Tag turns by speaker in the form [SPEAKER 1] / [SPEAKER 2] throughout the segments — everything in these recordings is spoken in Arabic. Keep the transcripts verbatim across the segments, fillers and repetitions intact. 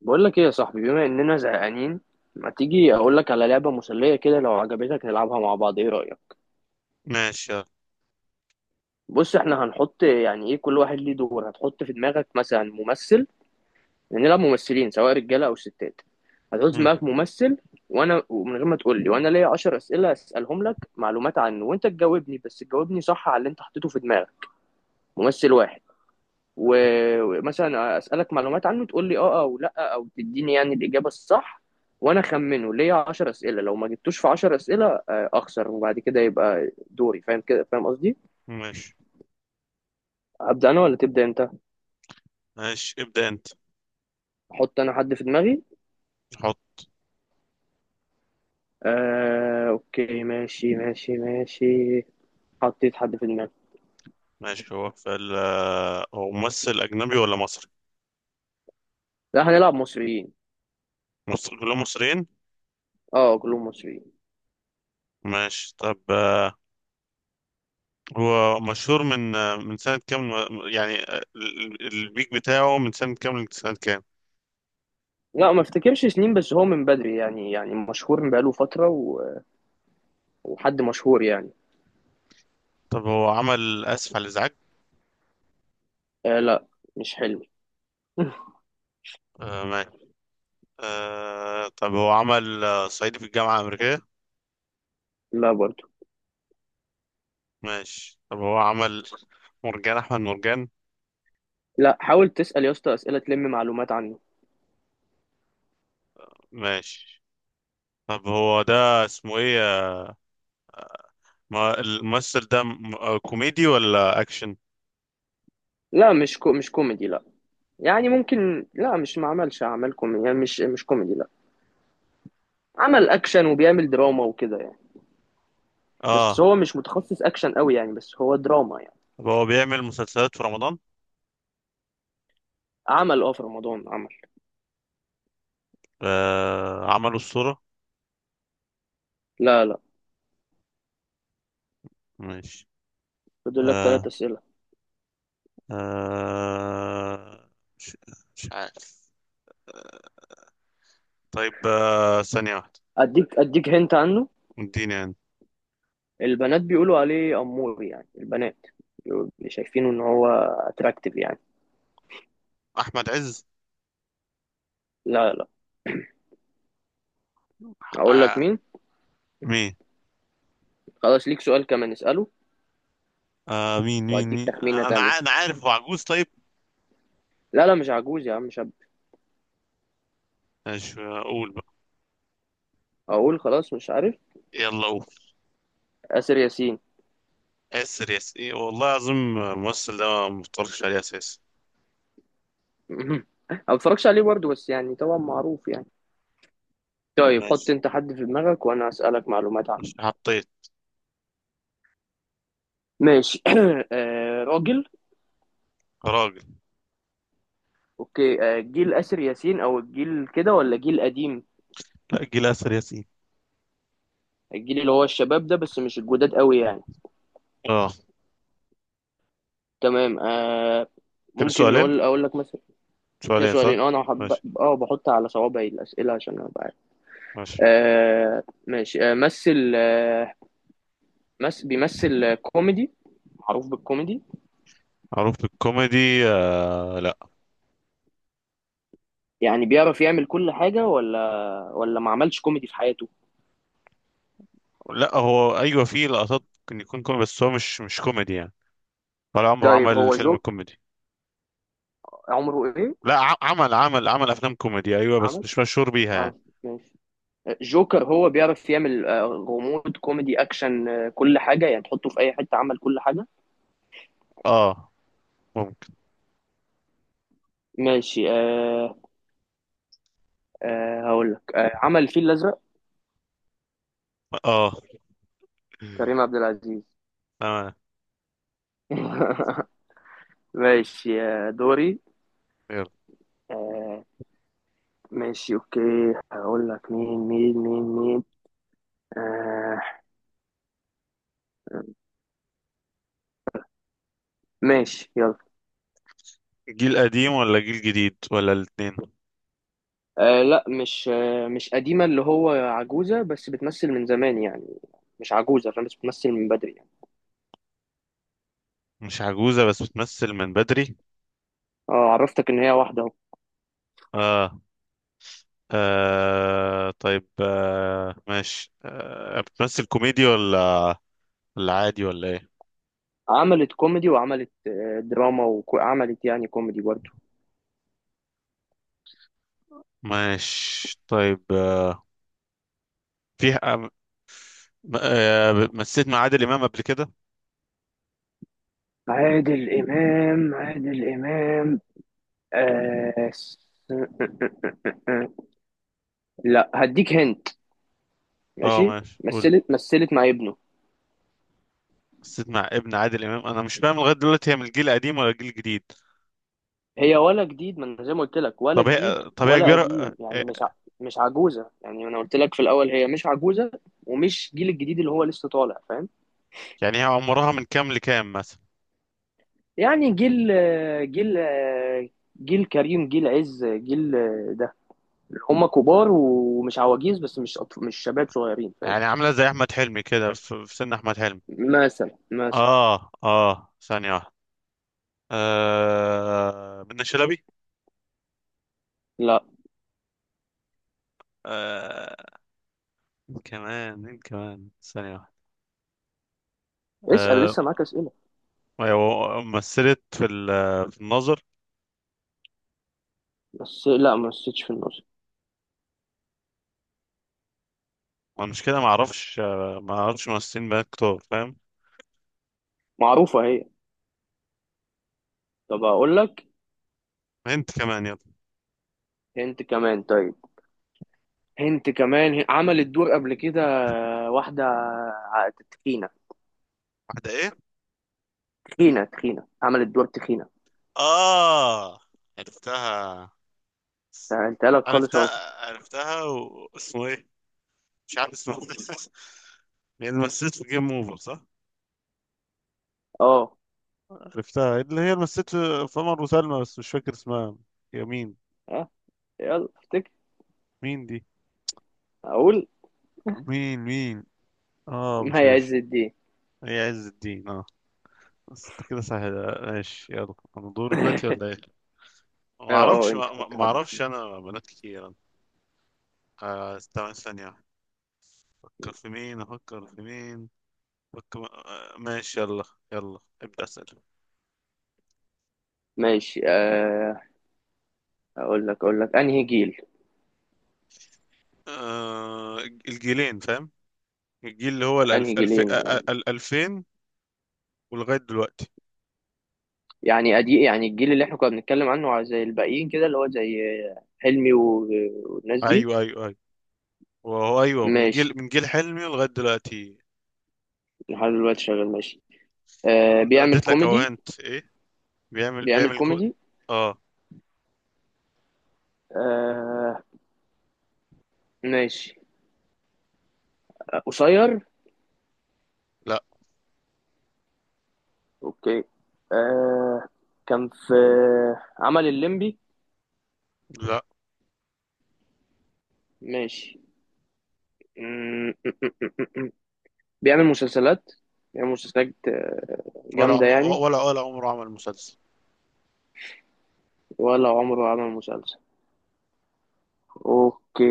[SPEAKER 1] بقول لك ايه يا صاحبي، بما اننا زهقانين ما تيجي اقول لك على لعبه مسليه كده؟ لو عجبتك نلعبها مع بعض، ايه رايك؟
[SPEAKER 2] ماشي يلا.
[SPEAKER 1] بص، احنا هنحط يعني ايه كل واحد ليه دور، هتحط في دماغك مثلا ممثل. نلعب ممثلين، سواء رجاله او ستات. هتحط في
[SPEAKER 2] مم.
[SPEAKER 1] دماغك ممثل، وانا ومن غير ما تقول لي، وانا ليا عشر اسئله اسالهم لك معلومات عنه، وانت تجاوبني، بس تجاوبني صح على اللي انت حطيته في دماغك. ممثل واحد. و- ومثلا اسالك معلومات عنه تقول لي اه او لا، او تديني يعني الاجابه الصح، وانا اخمنه. ليا عشر اسئله، لو ما جبتوش في عشر اسئله آه، اخسر، وبعد كده يبقى دوري. فاهم كده؟ فاهم قصدي؟
[SPEAKER 2] ماشي
[SPEAKER 1] ابدا انا ولا تبدا انت؟
[SPEAKER 2] ماشي ابدأ انت.
[SPEAKER 1] احط انا حد في دماغي.
[SPEAKER 2] حط.
[SPEAKER 1] آه، اوكي، ماشي ماشي ماشي. حطيت حد في دماغي.
[SPEAKER 2] ماشي، هو في ال آه، هو ممثل أجنبي ولا مصري؟
[SPEAKER 1] لا، هنلعب مصريين.
[SPEAKER 2] مصر كلهم مصريين؟
[SPEAKER 1] اه، كلهم مصريين.
[SPEAKER 2] ماشي طب آه، هو مشهور من آه، من سنة كام؟ يعني آه، ال- ال- البيك بتاعه من سنة كام لسنة كام؟
[SPEAKER 1] لا، ما افتكرش سنين، بس هو من بدري يعني يعني مشهور من بقاله فتره و... وحد مشهور يعني.
[SPEAKER 2] طب هو عمل آسف على الإزعاج؟
[SPEAKER 1] آه، لا. مش حلو.
[SPEAKER 2] آه ماشي. آه طب هو عمل آه، صعيدي في الجامعة الأمريكية؟
[SPEAKER 1] لا، برضه.
[SPEAKER 2] ماشي طب هو عمل مرجان أحمد مرجان؟
[SPEAKER 1] لا، حاول تسأل يا اسطى أسئلة تلم معلومات عنه.
[SPEAKER 2] ماشي طب هو ده اسمه إيه؟ آه، ما الممثل ده م- آه، كوميدي ولا اكشن؟
[SPEAKER 1] لا، مش كو مش كوميدي، لا. يعني ممكن، لا، مش ما عملش أعمال كوميدي، يعني مش مش كوميدي لا. عمل أكشن، وبيعمل دراما وكده يعني. بس
[SPEAKER 2] اه
[SPEAKER 1] هو مش متخصص أكشن قوي يعني، بس هو دراما يعني.
[SPEAKER 2] طب هو بيعمل مسلسلات في رمضان؟
[SPEAKER 1] عمل اه، في رمضان عمل.
[SPEAKER 2] آه عملوا الصورة.
[SPEAKER 1] لا، لا.
[SPEAKER 2] ماشي.
[SPEAKER 1] فاضل لك ثلاث
[SPEAKER 2] آه
[SPEAKER 1] أسئلة.
[SPEAKER 2] آه مش, مش عارف. طيب آه ثانية واحدة.
[SPEAKER 1] أديك أديك هنت عنه.
[SPEAKER 2] اديني يعني.
[SPEAKER 1] البنات بيقولوا عليه أمور يعني، البنات بيقولوا، شايفينه إن هو أتراكتيف يعني.
[SPEAKER 2] احمد عز.
[SPEAKER 1] لا، لا. أقول لك
[SPEAKER 2] آه
[SPEAKER 1] مين؟
[SPEAKER 2] مين؟
[SPEAKER 1] خلاص، ليك سؤال كمان، اسأله
[SPEAKER 2] آه مين مين
[SPEAKER 1] وأديك
[SPEAKER 2] مين
[SPEAKER 1] تخمينة
[SPEAKER 2] انا
[SPEAKER 1] تانية.
[SPEAKER 2] ع- انا عارف هو عجوز طيب.
[SPEAKER 1] لا لا، مش عجوز يا عم، مش.
[SPEAKER 2] مش اقول بقى؟
[SPEAKER 1] اقول خلاص مش عارف.
[SPEAKER 2] يلا قول.
[SPEAKER 1] آسر ياسين.
[SPEAKER 2] ياسر، ياسر إيه، والله العظيم الممثل ده ما مفترضش عليه اساسا.
[SPEAKER 1] ما بتفرجش عليه برضه، بس يعني طبعا معروف يعني. طيب حط
[SPEAKER 2] ماشي.
[SPEAKER 1] انت حد في دماغك وانا اسالك معلومات عنه.
[SPEAKER 2] مش حطيت.
[SPEAKER 1] ماشي. آه، راجل.
[SPEAKER 2] راجل.
[SPEAKER 1] اوكي، آه جيل آسر ياسين او الجيل كده، ولا جيل قديم؟
[SPEAKER 2] لا، جيل ياسر ياسين.
[SPEAKER 1] الجيل اللي هو الشباب ده، بس مش الجداد قوي يعني.
[SPEAKER 2] اه
[SPEAKER 1] تمام آه.
[SPEAKER 2] كده
[SPEAKER 1] ممكن
[SPEAKER 2] سؤالين،
[SPEAKER 1] نقول اقول لك مثلا. كده
[SPEAKER 2] سؤالين صح.
[SPEAKER 1] سؤالين، اه انا حب.
[SPEAKER 2] ماشي.
[SPEAKER 1] اه، بحط على صوابعي الاسئله عشان ابقى عارف.
[SPEAKER 2] ماشي.
[SPEAKER 1] آه ماشي، آه مثل آه مس... بيمثل كوميدي. معروف بالكوميدي.
[SPEAKER 2] معروف بالكوميدي. آه لا.
[SPEAKER 1] يعني بيعرف يعمل كل حاجة، ولا ولا ما عملش كوميدي في حياته؟
[SPEAKER 2] لا هو ايوه فيه لقطات ممكن يكون كوميدي بس هو مش مش كوميدي يعني. ولا عمره
[SPEAKER 1] طيب
[SPEAKER 2] عمل
[SPEAKER 1] هو
[SPEAKER 2] فيلم
[SPEAKER 1] جو
[SPEAKER 2] كوميدي.
[SPEAKER 1] عمره ايه.
[SPEAKER 2] لا ع- عمل عمل عمل افلام كوميدي ايوه بس
[SPEAKER 1] عمل،
[SPEAKER 2] مش مشهور بيها
[SPEAKER 1] عمل،
[SPEAKER 2] يعني.
[SPEAKER 1] ماشي. جوكر. هو بيعرف يعمل آه، غموض، كوميدي، اكشن، آه، كل حاجة يعني، تحطه في اي حتة، عمل كل حاجة.
[SPEAKER 2] اه. ممكن.
[SPEAKER 1] ماشي أه. أه، هقول لك، أه، عمل الفيل الازرق.
[SPEAKER 2] اه.
[SPEAKER 1] كريم عبد العزيز.
[SPEAKER 2] تمام.
[SPEAKER 1] ماشي آه، دوري.
[SPEAKER 2] يلا.
[SPEAKER 1] أه، ماشي اوكي. هقول لك مين مين مين مين. أه، ماشي يلا.
[SPEAKER 2] جيل قديم ولا جيل جديد ولا الاتنين؟
[SPEAKER 1] آه لا مش آه مش قديمة اللي هو عجوزة، بس بتمثل من زمان يعني. مش عجوزة فاهم، بس بتمثل من بدري يعني.
[SPEAKER 2] مش عجوزة بس بتمثل من بدري.
[SPEAKER 1] اه، عرفتك ان هي واحدة اهو.
[SPEAKER 2] اه, آه. طيب آه. ماشي آه. بتمثل كوميدي ولا ولا عادي ولا ايه؟
[SPEAKER 1] عملت كوميدي، وعملت آه دراما، وعملت يعني كوميدي برضو.
[SPEAKER 2] ماشي طيب آه، في آه، م- آه، مثلت مع عادل إمام قبل كده؟
[SPEAKER 1] عادل إمام عادل إمام آه س- لا، هديك هنت.
[SPEAKER 2] اه
[SPEAKER 1] ماشي.
[SPEAKER 2] ماشي قول.
[SPEAKER 1] مثلت مثلت مع ابنه.
[SPEAKER 2] مثلت مع ابن عادل إمام؟ انا مش فاهم لغاية دلوقتي هي من الجيل القديم ولا الجيل الجديد.
[SPEAKER 1] هي ولا جديد، ما انا زي ما قلت لك، ولا
[SPEAKER 2] طب
[SPEAKER 1] جديد
[SPEAKER 2] هي، طب هي
[SPEAKER 1] ولا
[SPEAKER 2] كبيرة آه،
[SPEAKER 1] قديم يعني
[SPEAKER 2] آه،
[SPEAKER 1] مش ع... مش عجوزه يعني، انا قلت لك في الاول هي مش عجوزه، ومش جيل الجديد اللي هو لسه طالع، فاهم.
[SPEAKER 2] يعني هي عمرها من كام لكام مثلا؟
[SPEAKER 1] يعني جيل، جيل، جيل كريم، جيل عز، جيل ده. هم كبار ومش عواجيز، بس مش أطف... مش شباب صغيرين فاهم.
[SPEAKER 2] يعني عاملة زي أحمد حلمي كده، في في سن أحمد حلمي؟
[SPEAKER 1] مثلا، مثلا.
[SPEAKER 2] اه اه ثانية واحدة. آه منة شلبي.
[SPEAKER 1] لا.
[SPEAKER 2] آه. كمان مين؟ كمان ثانية واحدة.
[SPEAKER 1] اسال،
[SPEAKER 2] آه
[SPEAKER 1] لسه معاك اسئله.
[SPEAKER 2] أيوة مثلت في ال- آه، في الناظر.
[SPEAKER 1] بس لا، ما نسيتش في النص.
[SPEAKER 2] ما المشكلة، ما اعرفش. ما اعرفش ممثلين بقى كتار، فاهم.
[SPEAKER 1] معروفه هي. طب اقول لك؟
[SPEAKER 2] انت كمان يلا.
[SPEAKER 1] انت كمان طيب، انت كمان عملت دور قبل كده، واحدة ع- تخينة.
[SPEAKER 2] واحدة ايه؟
[SPEAKER 1] تخينة تخينة عملت دور تخينة.
[SPEAKER 2] اه. عرفتها.
[SPEAKER 1] سهلتها لك خالص اهو.
[SPEAKER 2] عرفتها. عرفتها واسمه ايه؟ مش عارف اسمه. هي اللي مثلت في جيم اوفر صح؟
[SPEAKER 1] اه،
[SPEAKER 2] عرفتها اللي هي اللي مثلت في في عمر وسلمى بس مش فاكر اسمها. هي مين؟
[SPEAKER 1] اه، يلا افتكر.
[SPEAKER 2] مين دي؟
[SPEAKER 1] اقول.
[SPEAKER 2] مين؟ مين؟ اه مش
[SPEAKER 1] مي
[SPEAKER 2] عارف.
[SPEAKER 1] عز الدين.
[SPEAKER 2] هي عز الدين اه. بس انت كده سهل. ماشي يلا، انا دوري دلوقتي ولا ايه؟ ما
[SPEAKER 1] اه، اه،
[SPEAKER 2] اعرفش،
[SPEAKER 1] انت
[SPEAKER 2] ما ما-
[SPEAKER 1] حط
[SPEAKER 2] ما
[SPEAKER 1] حد.
[SPEAKER 2] اعرفش انا، بنات كتير. آه استنى ثانية. أفكر في مين، أفكر في مين، أفكر آه ماشي يلا. يلا ابدأ أسأل.
[SPEAKER 1] ماشي آه، اقول لك اقول لك انهي جيل.
[SPEAKER 2] آه الجيلين فاهم. الجيل اللي هو
[SPEAKER 1] انهي
[SPEAKER 2] الألف، ألف
[SPEAKER 1] جيلين
[SPEAKER 2] آه،
[SPEAKER 1] يعني.
[SPEAKER 2] ال- ألفين ولغاية دلوقتي.
[SPEAKER 1] يعني ادي يعني الجيل اللي احنا كنا بنتكلم عنه، على زي الباقيين كده، اللي هو زي آه، حلمي و- والناس دي.
[SPEAKER 2] أيوه أيوه أيوه. وهو أيوه من
[SPEAKER 1] ماشي،
[SPEAKER 2] جيل، من جيل حلمي لغاية دلوقتي.
[SPEAKER 1] لحد دلوقتي شغال ماشي. آه،
[SPEAKER 2] عم-
[SPEAKER 1] بيعمل
[SPEAKER 2] اديت لك أهو،
[SPEAKER 1] كوميدي.
[SPEAKER 2] هنت إيه؟ بيعمل
[SPEAKER 1] بيعمل
[SPEAKER 2] بيعمل كود.
[SPEAKER 1] كوميدي
[SPEAKER 2] آه
[SPEAKER 1] آه، ماشي آه، قصير.
[SPEAKER 2] لا.
[SPEAKER 1] اوكي. آه، كان في، عمل الليمبي.
[SPEAKER 2] لا.
[SPEAKER 1] ماشي. م- م- م- م- م. بيعمل مسلسلات، بيعمل مسلسلات آه،
[SPEAKER 2] ولا
[SPEAKER 1] جامدة
[SPEAKER 2] عم...
[SPEAKER 1] يعني.
[SPEAKER 2] ولا ولا عمره عمل مسلسل.
[SPEAKER 1] ولا عمره عمل مسلسل. اوكي.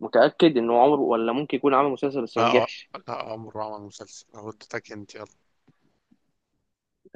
[SPEAKER 1] متأكد انه عمره، ولا ممكن يكون عمل مسلسل بس
[SPEAKER 2] لا
[SPEAKER 1] ما
[SPEAKER 2] آه،
[SPEAKER 1] نجحش.
[SPEAKER 2] لا عمره عمل مسلسل أهو اديتك هنت يلا.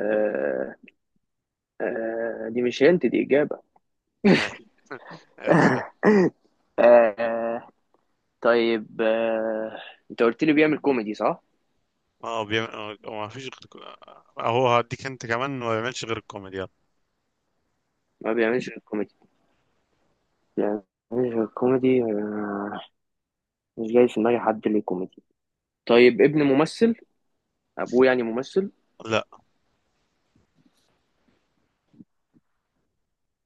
[SPEAKER 1] آه، آه دي مش هنت، دي إجابة.
[SPEAKER 2] ماشي. ماشي.
[SPEAKER 1] آه، طيب آه، انت قلت لي بيعمل كوميدي صح؟
[SPEAKER 2] اه بيعمل، ما فيش غير. اهو هديك انت كمان، ما بيعملش غير الكوميدي يلا.
[SPEAKER 1] ما بيعملش الكوميدي. بيعملش الكوميدي مش جاي في دماغي حد ليه كوميدي. طيب، ابن ممثل؟ ابوه يعني ممثل.
[SPEAKER 2] لا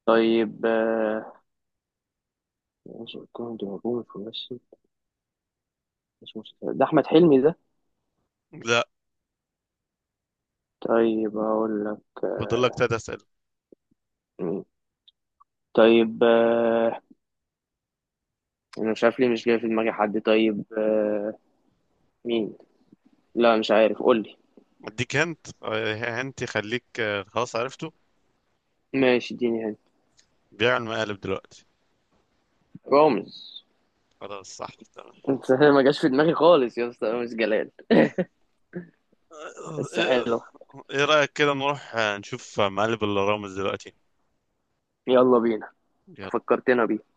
[SPEAKER 1] طيب آه، يوسف كوهن ده ابوه مش ممثل. مش ممثل، ده احمد حلمي ده.
[SPEAKER 2] لا.
[SPEAKER 1] طيب اقول لك آه،
[SPEAKER 2] فاضل لك تلات اسئله.
[SPEAKER 1] مين؟ طيب آه، انا مش عارف ليه مش جاي في دماغي حد. طيب آه، مين؟ لا مش عارف، قول لي.
[SPEAKER 2] اديك هنت آه، هنت يخليك آه، خلاص عرفته.
[SPEAKER 1] ماشي، اديني هنا.
[SPEAKER 2] بيعمل مقالب دلوقتي.
[SPEAKER 1] رامز.
[SPEAKER 2] خلاص صح تمام.
[SPEAKER 1] انت ما جاش في دماغي خالص يا اسطى، رامز جلال.
[SPEAKER 2] آه، آه،
[SPEAKER 1] بس
[SPEAKER 2] آه،
[SPEAKER 1] حلو.
[SPEAKER 2] ايه رايك كده نروح آه، نشوف مقالب الرامز دلوقتي؟
[SPEAKER 1] يلا بينا.
[SPEAKER 2] يلا.
[SPEAKER 1] فكرتنا بيه.